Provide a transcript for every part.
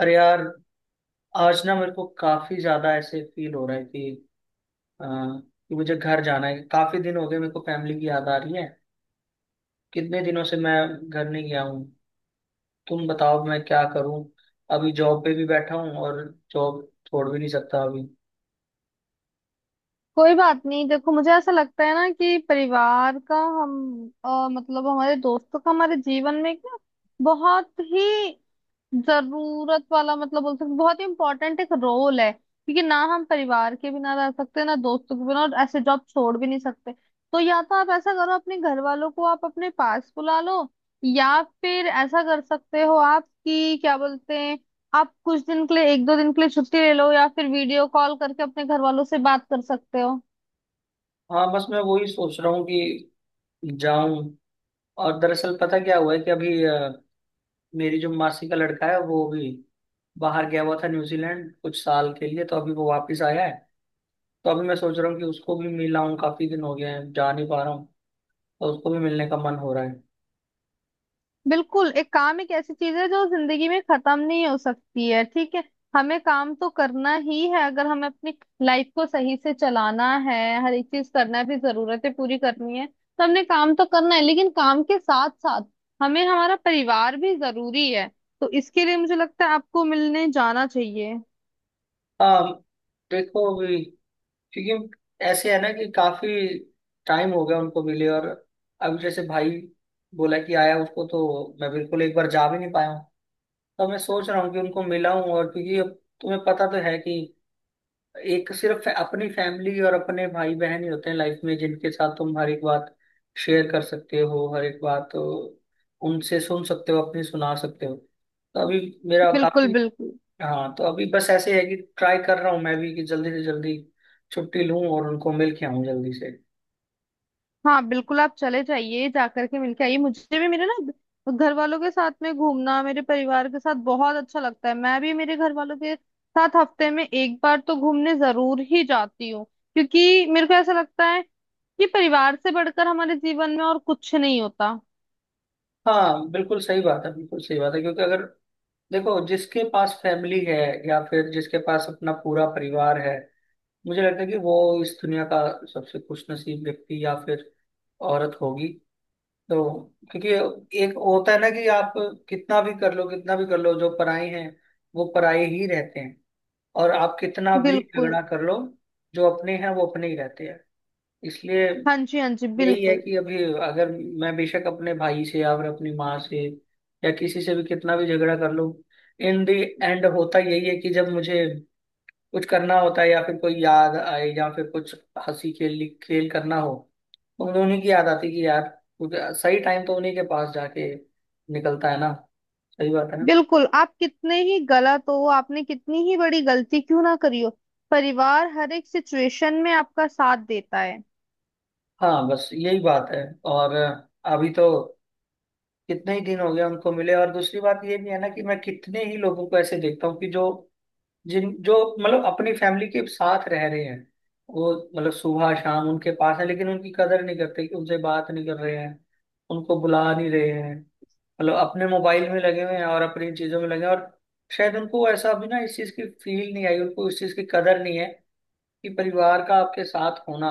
अरे यार, आज ना मेरे को काफी ज्यादा ऐसे फील हो रहा है कि कि मुझे घर जाना है। काफी दिन हो गए, मेरे को फैमिली की याद आ रही है। कितने दिनों से मैं घर नहीं गया हूँ। तुम बताओ मैं क्या करूँ। अभी जॉब पे भी बैठा हूँ और जॉब छोड़ भी नहीं सकता अभी। कोई बात नहीं। देखो, मुझे ऐसा लगता है ना कि परिवार का हम मतलब हमारे दोस्तों का हमारे जीवन में एक ना बहुत ही जरूरत वाला मतलब बोल सकते बहुत ही इम्पोर्टेंट एक रोल है, क्योंकि ना हम परिवार के बिना रह सकते ना दोस्तों के बिना, और ऐसे जॉब छोड़ भी नहीं सकते। तो या तो आप ऐसा करो, अपने घर वालों को आप अपने पास बुला लो, या फिर ऐसा कर सकते हो आप कि क्या बोलते हैं, आप कुछ दिन के लिए, एक दो दिन के लिए छुट्टी ले लो, या फिर वीडियो कॉल करके अपने घर वालों से बात कर सकते हो। हाँ, बस मैं वही सोच रहा हूँ कि जाऊं। और दरअसल पता क्या हुआ है कि अभी मेरी जो मासी का लड़का है, वो भी बाहर गया हुआ था न्यूजीलैंड कुछ साल के लिए, तो अभी वो वापस आया है। तो अभी मैं सोच रहा हूँ कि उसको भी मिलाऊँ। काफी दिन हो गए हैं, जा नहीं पा रहा हूँ, और उसको भी मिलने का मन हो रहा है। बिल्कुल, एक काम, एक ऐसी चीज है जो जिंदगी में खत्म नहीं हो सकती है, ठीक है। हमें काम तो करना ही है, अगर हमें अपनी लाइफ को सही से चलाना है, हर एक चीज करना है, अपनी जरूरतें पूरी करनी है, तो हमने काम तो करना है, लेकिन काम के साथ साथ हमें हमारा परिवार भी जरूरी है। तो इसके लिए मुझे लगता है आपको मिलने जाना चाहिए। हाँ, देखो अभी, क्योंकि ऐसे है ना कि काफी टाइम हो गया उनको मिले। और अभी जैसे भाई बोला कि आया, उसको तो मैं बिल्कुल एक बार जा भी नहीं पाया हूँ। तो मैं सोच रहा हूँ कि उनको मिलाऊं। और क्योंकि अब तुम्हें पता तो है कि एक सिर्फ अपनी फैमिली और अपने भाई बहन ही होते हैं लाइफ में, जिनके साथ तुम हर एक बात शेयर कर सकते हो, हर एक बात उनसे सुन सकते हो, अपनी सुना सकते हो। तो अभी मेरा बिल्कुल काफी। बिल्कुल। हाँ, तो अभी बस ऐसे है कि ट्राई कर रहा हूँ मैं भी कि जल्दी से जल्दी छुट्टी लूँ और उनको मिल के आऊँ जल्दी से। हाँ बिल्कुल, आप चले जाइए, जाकर के मिलके आइए। मुझे भी मेरे ना घर वालों के साथ में घूमना, मेरे परिवार के साथ बहुत अच्छा लगता है। मैं भी मेरे घर वालों के साथ हफ्ते में एक बार तो घूमने जरूर ही जाती हूँ, क्योंकि मेरे को ऐसा लगता है कि परिवार से बढ़कर हमारे जीवन में और कुछ नहीं होता। हाँ बिल्कुल सही बात है, बिल्कुल सही बात है। क्योंकि अगर देखो, जिसके पास फैमिली है या फिर जिसके पास अपना पूरा परिवार है, मुझे लगता है कि वो इस दुनिया का सबसे खुशनसीब व्यक्ति या फिर औरत होगी। तो क्योंकि एक होता है ना कि आप कितना भी कर लो, कितना भी कर लो, जो पराई हैं वो पराई ही रहते हैं। और आप कितना भी बिल्कुल। झगड़ा कर लो, जो अपने हैं वो अपने ही रहते हैं। इसलिए हाँ जी, हाँ जी, यही है बिल्कुल। कि अभी अगर मैं बेशक अपने भाई से या फिर अपनी माँ से या किसी से भी कितना भी झगड़ा कर लूं, इन दी एंड होता यही है कि जब मुझे कुछ करना होता है या फिर कोई याद आए या फिर कुछ हंसी खेल खेल करना हो, तो मुझे उन्हीं की याद आती कि यार, कुछ सही टाइम तो उन्हीं के पास जाके निकलता है ना। सही बात है ना। बिल्कुल, आप कितने ही गलत हो, आपने कितनी ही बड़ी गलती क्यों ना करी हो, परिवार हर एक सिचुएशन में आपका साथ देता है। हाँ, बस यही बात है। और अभी तो कितने ही दिन हो गए उनको मिले। और दूसरी बात ये भी है ना कि मैं कितने ही लोगों को ऐसे देखता हूँ कि जो, जिन, जो मतलब अपनी फैमिली के साथ रह रहे हैं, वो मतलब सुबह शाम उनके पास है लेकिन उनकी कदर नहीं करते। कि उनसे बात नहीं कर रहे हैं, उनको बुला नहीं रहे हैं, मतलब अपने मोबाइल में लगे हुए हैं और अपनी चीजों में लगे हैं। और शायद उनको ऐसा अभी ना इस चीज की फील नहीं आई, उनको इस चीज की कदर नहीं है कि परिवार का आपके साथ होना,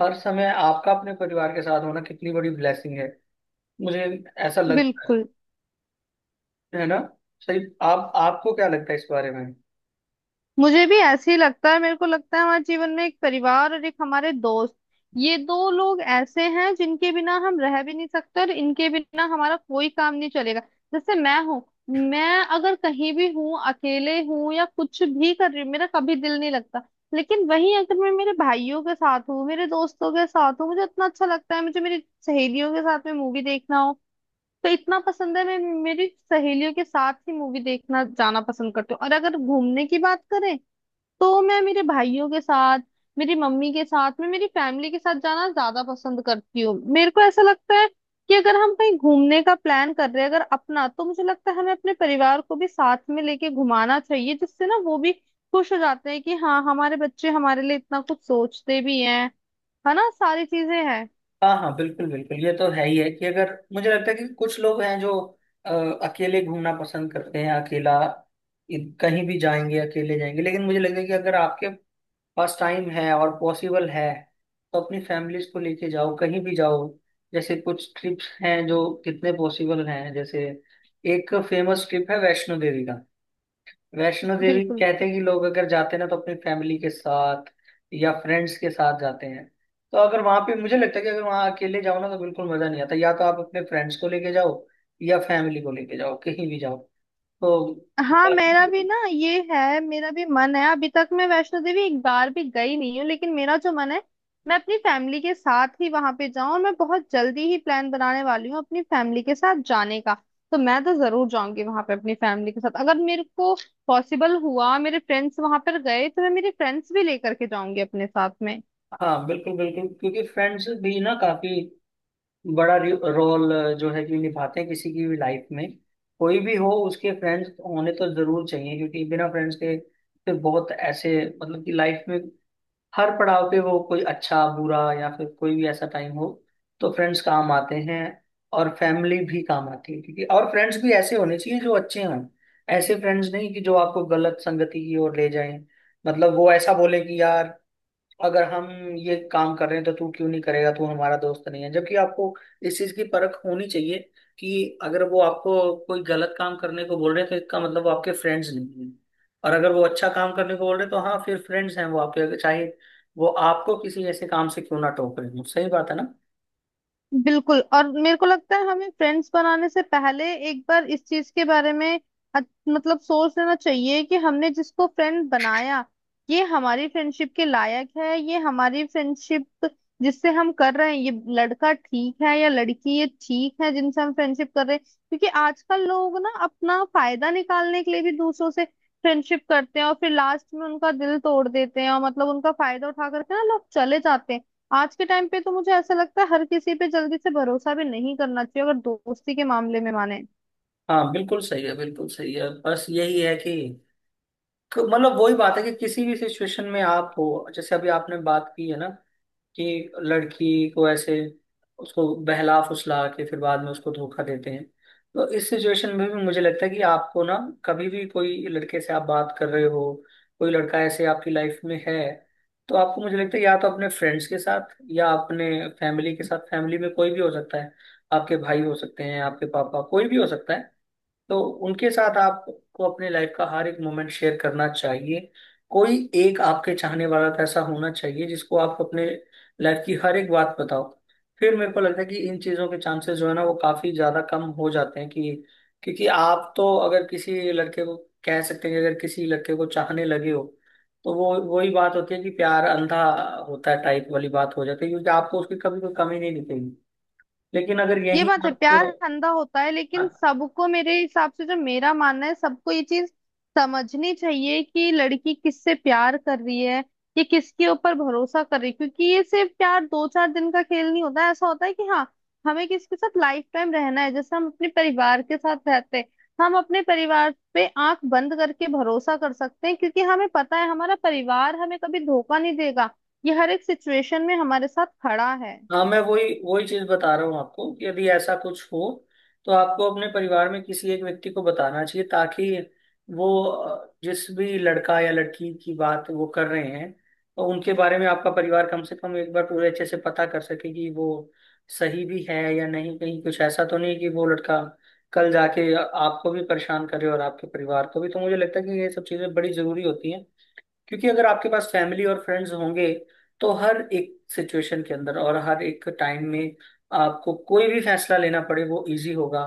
हर समय आपका अपने परिवार के साथ होना कितनी बड़ी ब्लेसिंग है। मुझे ऐसा लगता बिल्कुल। है। है ना सही? आप, आपको क्या लगता है इस बारे में? मुझे भी ऐसे ही लगता है। मेरे को लगता है हमारे जीवन में एक परिवार और एक हमारे दोस्त, ये दो लोग ऐसे हैं जिनके बिना हम रह भी नहीं सकते और इनके बिना हमारा कोई काम नहीं चलेगा। जैसे मैं हूँ, मैं अगर कहीं भी हूँ, अकेले हूँ या कुछ भी कर रही हूँ, मेरा कभी दिल नहीं लगता। लेकिन वहीं अगर मैं मेरे भाइयों के साथ हूँ, मेरे दोस्तों के साथ हूँ, मुझे इतना अच्छा लगता है। मुझे मेरी सहेलियों के साथ में मूवी देखना हो तो इतना पसंद है, मैं मेरी सहेलियों के साथ ही मूवी देखना जाना पसंद करती हूँ। और अगर घूमने की बात करें तो मैं मेरे भाइयों के साथ, मेरी मम्मी के साथ, मैं मेरी फैमिली के साथ जाना ज्यादा पसंद करती हूँ। मेरे को ऐसा लगता है कि अगर हम कहीं घूमने का प्लान कर रहे हैं अगर अपना, तो मुझे लगता है हमें अपने परिवार को भी साथ में लेके घुमाना चाहिए, जिससे ना वो भी खुश हो जाते हैं कि हाँ, हमारे बच्चे हमारे लिए इतना कुछ सोचते भी हैं। है ना, सारी चीजें हैं। हाँ हाँ, बिल्कुल बिल्कुल, ये तो है ही है कि अगर, मुझे लगता है कि कुछ लोग हैं जो अ, अकेले घूमना पसंद करते हैं। अकेला कहीं भी जाएंगे अकेले जाएंगे, लेकिन मुझे लगता है कि अगर आपके पास टाइम है और पॉसिबल है, तो अपनी फैमिलीज को लेके जाओ, कहीं भी जाओ। जैसे कुछ ट्रिप्स हैं जो कितने पॉसिबल हैं, जैसे एक फेमस ट्रिप है वैष्णो देवी का। वैष्णो देवी बिल्कुल। कहते हैं कि लोग अगर जाते हैं ना, तो अपनी फैमिली के साथ या फ्रेंड्स के साथ जाते हैं। तो अगर वहां पे, मुझे लगता है कि अगर वहां अकेले जाओ ना तो बिल्कुल मजा नहीं आता। या तो आप अपने फ्रेंड्स को लेके जाओ या फैमिली को लेके जाओ, कहीं भी जाओ तो। हाँ बाकी मेरा भी भी। ना ये है, मेरा भी मन है, अभी तक मैं वैष्णो देवी एक बार भी गई नहीं हूँ, लेकिन मेरा जो मन है, मैं अपनी फैमिली के साथ ही वहां पे जाऊं, और मैं बहुत जल्दी ही प्लान बनाने वाली हूँ अपनी फैमिली के साथ जाने का। तो मैं तो जरूर जाऊंगी वहां पे अपनी फैमिली के साथ। अगर मेरे को पॉसिबल हुआ, मेरे फ्रेंड्स वहां पर गए, तो मैं मेरे फ्रेंड्स भी लेकर के जाऊंगी अपने साथ में। हाँ बिल्कुल बिल्कुल, क्योंकि फ्रेंड्स भी ना काफी बड़ा रोल जो है कि निभाते हैं किसी की भी लाइफ में। कोई भी हो, उसके फ्रेंड्स होने तो जरूर चाहिए, क्योंकि बिना फ्रेंड्स के फिर बहुत ऐसे, मतलब कि लाइफ में हर पड़ाव पे, वो कोई अच्छा बुरा या फिर कोई भी ऐसा टाइम हो, तो फ्रेंड्स काम आते हैं और फैमिली भी काम आती है। क्योंकि और फ्रेंड्स भी ऐसे होने चाहिए जो अच्छे हों। ऐसे फ्रेंड्स नहीं कि जो आपको गलत संगति की ओर ले जाएं। मतलब वो ऐसा बोले कि यार, अगर हम ये काम कर रहे हैं तो तू क्यों नहीं करेगा, तू हमारा दोस्त नहीं है। जबकि आपको इस चीज की परख होनी चाहिए कि अगर वो आपको कोई गलत काम करने को बोल रहे हैं, तो इसका मतलब वो आपके फ्रेंड्स नहीं हैं। और अगर वो अच्छा काम करने को बोल रहे हैं, तो हाँ फिर फ्रेंड्स हैं वो आपके, चाहे वो आपको किसी ऐसे काम से क्यों ना टोक रहे हो। सही बात है ना। बिल्कुल। और मेरे को लगता है हमें फ्रेंड्स बनाने से पहले एक बार इस चीज के बारे में अच- मतलब सोच लेना चाहिए कि हमने जिसको फ्रेंड बनाया, ये हमारी फ्रेंडशिप के लायक है, ये हमारी फ्रेंडशिप जिससे हम कर रहे हैं, ये लड़का ठीक है या लड़की ये ठीक है जिनसे हम फ्रेंडशिप कर रहे हैं। क्योंकि आजकल लोग ना अपना फायदा निकालने के लिए भी दूसरों से फ्रेंडशिप करते हैं और फिर लास्ट में उनका दिल तोड़ देते हैं, और मतलब उनका फायदा उठा करके ना लोग चले जाते हैं। आज के टाइम पे तो मुझे ऐसा लगता है हर किसी पे जल्दी से भरोसा भी नहीं करना चाहिए, अगर दोस्ती के मामले में माने। हाँ बिल्कुल सही है, बिल्कुल सही है। बस यही है कि तो, मतलब वही बात है कि किसी भी सिचुएशन में आप हो। जैसे अभी आपने बात की है ना कि लड़की को ऐसे उसको बहला फुसला के फिर बाद में उसको धोखा देते हैं। तो इस सिचुएशन में भी मुझे लगता है कि आपको ना, कभी भी कोई लड़के से आप बात कर रहे हो, कोई लड़का ऐसे आपकी लाइफ में है, तो आपको, मुझे लगता है, या तो अपने फ्रेंड्स के साथ या अपने फैमिली के साथ, फैमिली में कोई भी हो सकता है, आपके भाई हो सकते हैं, आपके पापा, कोई भी हो सकता है। तो उनके साथ आपको अपने लाइफ का हर एक मोमेंट शेयर करना चाहिए। कोई एक आपके चाहने वाला तो ऐसा होना चाहिए जिसको आप अपने लाइफ की हर एक बात बताओ। फिर मेरे को लगता है कि इन चीजों के चांसेस जो है ना वो काफी ज्यादा कम हो जाते हैं। कि क्योंकि आप तो अगर किसी लड़के को, कह सकते हैं कि अगर किसी लड़के को चाहने लगे हो, तो वो वही बात होती है कि प्यार अंधा होता है टाइप वाली बात हो जाती है। क्योंकि आपको उसकी कभी कोई कमी नहीं दिखेगी। लेकिन अगर ये यही बात है, प्यार अंधा होता है, लेकिन आप। सबको मेरे हिसाब से, जो मेरा मानना है, सबको ये चीज समझनी चाहिए कि लड़की किससे प्यार कर रही है, ये किसके ऊपर भरोसा कर रही है। क्योंकि ये सिर्फ प्यार दो चार दिन का खेल नहीं होता है, ऐसा होता है कि हाँ, हमें किसके साथ लाइफ टाइम रहना है। जैसे हम अपने परिवार के साथ रहते हैं, हम अपने परिवार पे आंख बंद करके भरोसा कर सकते हैं, क्योंकि हमें पता है हमारा परिवार हमें कभी धोखा नहीं देगा, ये हर एक सिचुएशन में हमारे साथ खड़ा है। हाँ, मैं वही वही चीज बता रहा हूँ आपको कि यदि ऐसा कुछ हो, तो आपको अपने परिवार में किसी एक व्यक्ति को बताना चाहिए, ताकि वो जिस भी लड़का या लड़की की बात वो कर रहे हैं, तो उनके बारे में आपका परिवार कम से कम एक बार पूरे अच्छे से पता कर सके कि वो सही भी है या नहीं। कहीं कुछ ऐसा तो नहीं कि वो लड़का कल जाके आपको भी परेशान करे और आपके परिवार को भी। तो मुझे लगता है कि ये सब चीजें बड़ी जरूरी होती हैं। क्योंकि अगर आपके पास फैमिली और फ्रेंड्स होंगे, तो हर एक सिचुएशन के अंदर और हर एक टाइम में आपको कोई भी फैसला लेना पड़े, वो इजी होगा।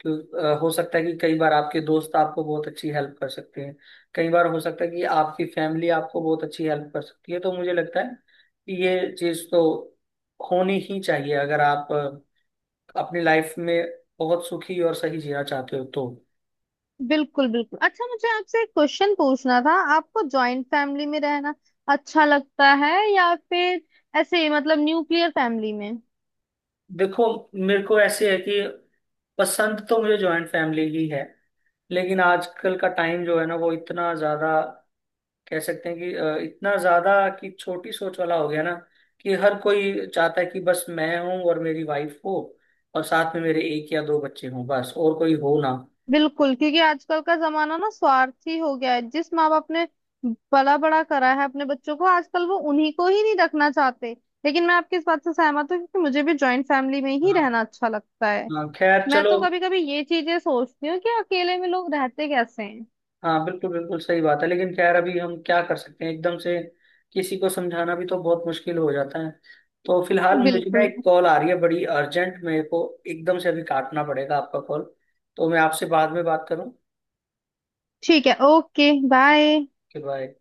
क्यों? हो सकता है कि कई बार आपके दोस्त आपको बहुत अच्छी हेल्प कर सकते हैं, कई बार हो सकता है कि आपकी फैमिली आपको बहुत अच्छी हेल्प कर सकती है। तो मुझे लगता है कि ये चीज़ तो होनी ही चाहिए, अगर आप अपनी लाइफ में बहुत सुखी और सही जीना चाहते हो तो। बिल्कुल बिल्कुल। अच्छा, मुझे आपसे एक क्वेश्चन पूछना था, आपको जॉइंट फैमिली में रहना अच्छा लगता है या फिर ऐसे ही, मतलब न्यूक्लियर फैमिली में? देखो, मेरे को ऐसे है कि पसंद तो मुझे जॉइंट फैमिली ही है। लेकिन आजकल का टाइम जो है ना, वो इतना ज्यादा कह सकते हैं कि इतना ज्यादा कि छोटी सोच वाला हो गया ना, कि हर कोई चाहता है कि बस मैं हूं और मेरी वाइफ हो, और साथ में मेरे एक या दो बच्चे हों, बस और कोई हो ना। बिल्कुल, क्योंकि आजकल का जमाना ना स्वार्थी हो गया है। जिस माँ बाप ने पला बड़ा करा है अपने बच्चों को, आजकल वो उन्हीं को ही नहीं रखना चाहते। लेकिन मैं आपकी इस बात से सहमत हूँ, क्योंकि मुझे भी जॉइंट फैमिली में ही हाँ रहना अच्छा लगता है। हाँ, खैर मैं चलो। तो कभी कभी ये चीजें सोचती हूँ कि अकेले में लोग रहते कैसे हैं। हाँ बिल्कुल बिल्कुल सही बात है, लेकिन खैर अभी हम क्या कर सकते हैं एकदम से। किसी को समझाना भी तो बहुत मुश्किल हो जाता है। तो फिलहाल मुझे ना बिल्कुल। एक कॉल आ रही है बड़ी अर्जेंट, मेरे को एकदम से अभी काटना पड़ेगा आपका कॉल। तो मैं आपसे बाद में बात करूँ। ठीक है, ओके, बाय। Okay, bye.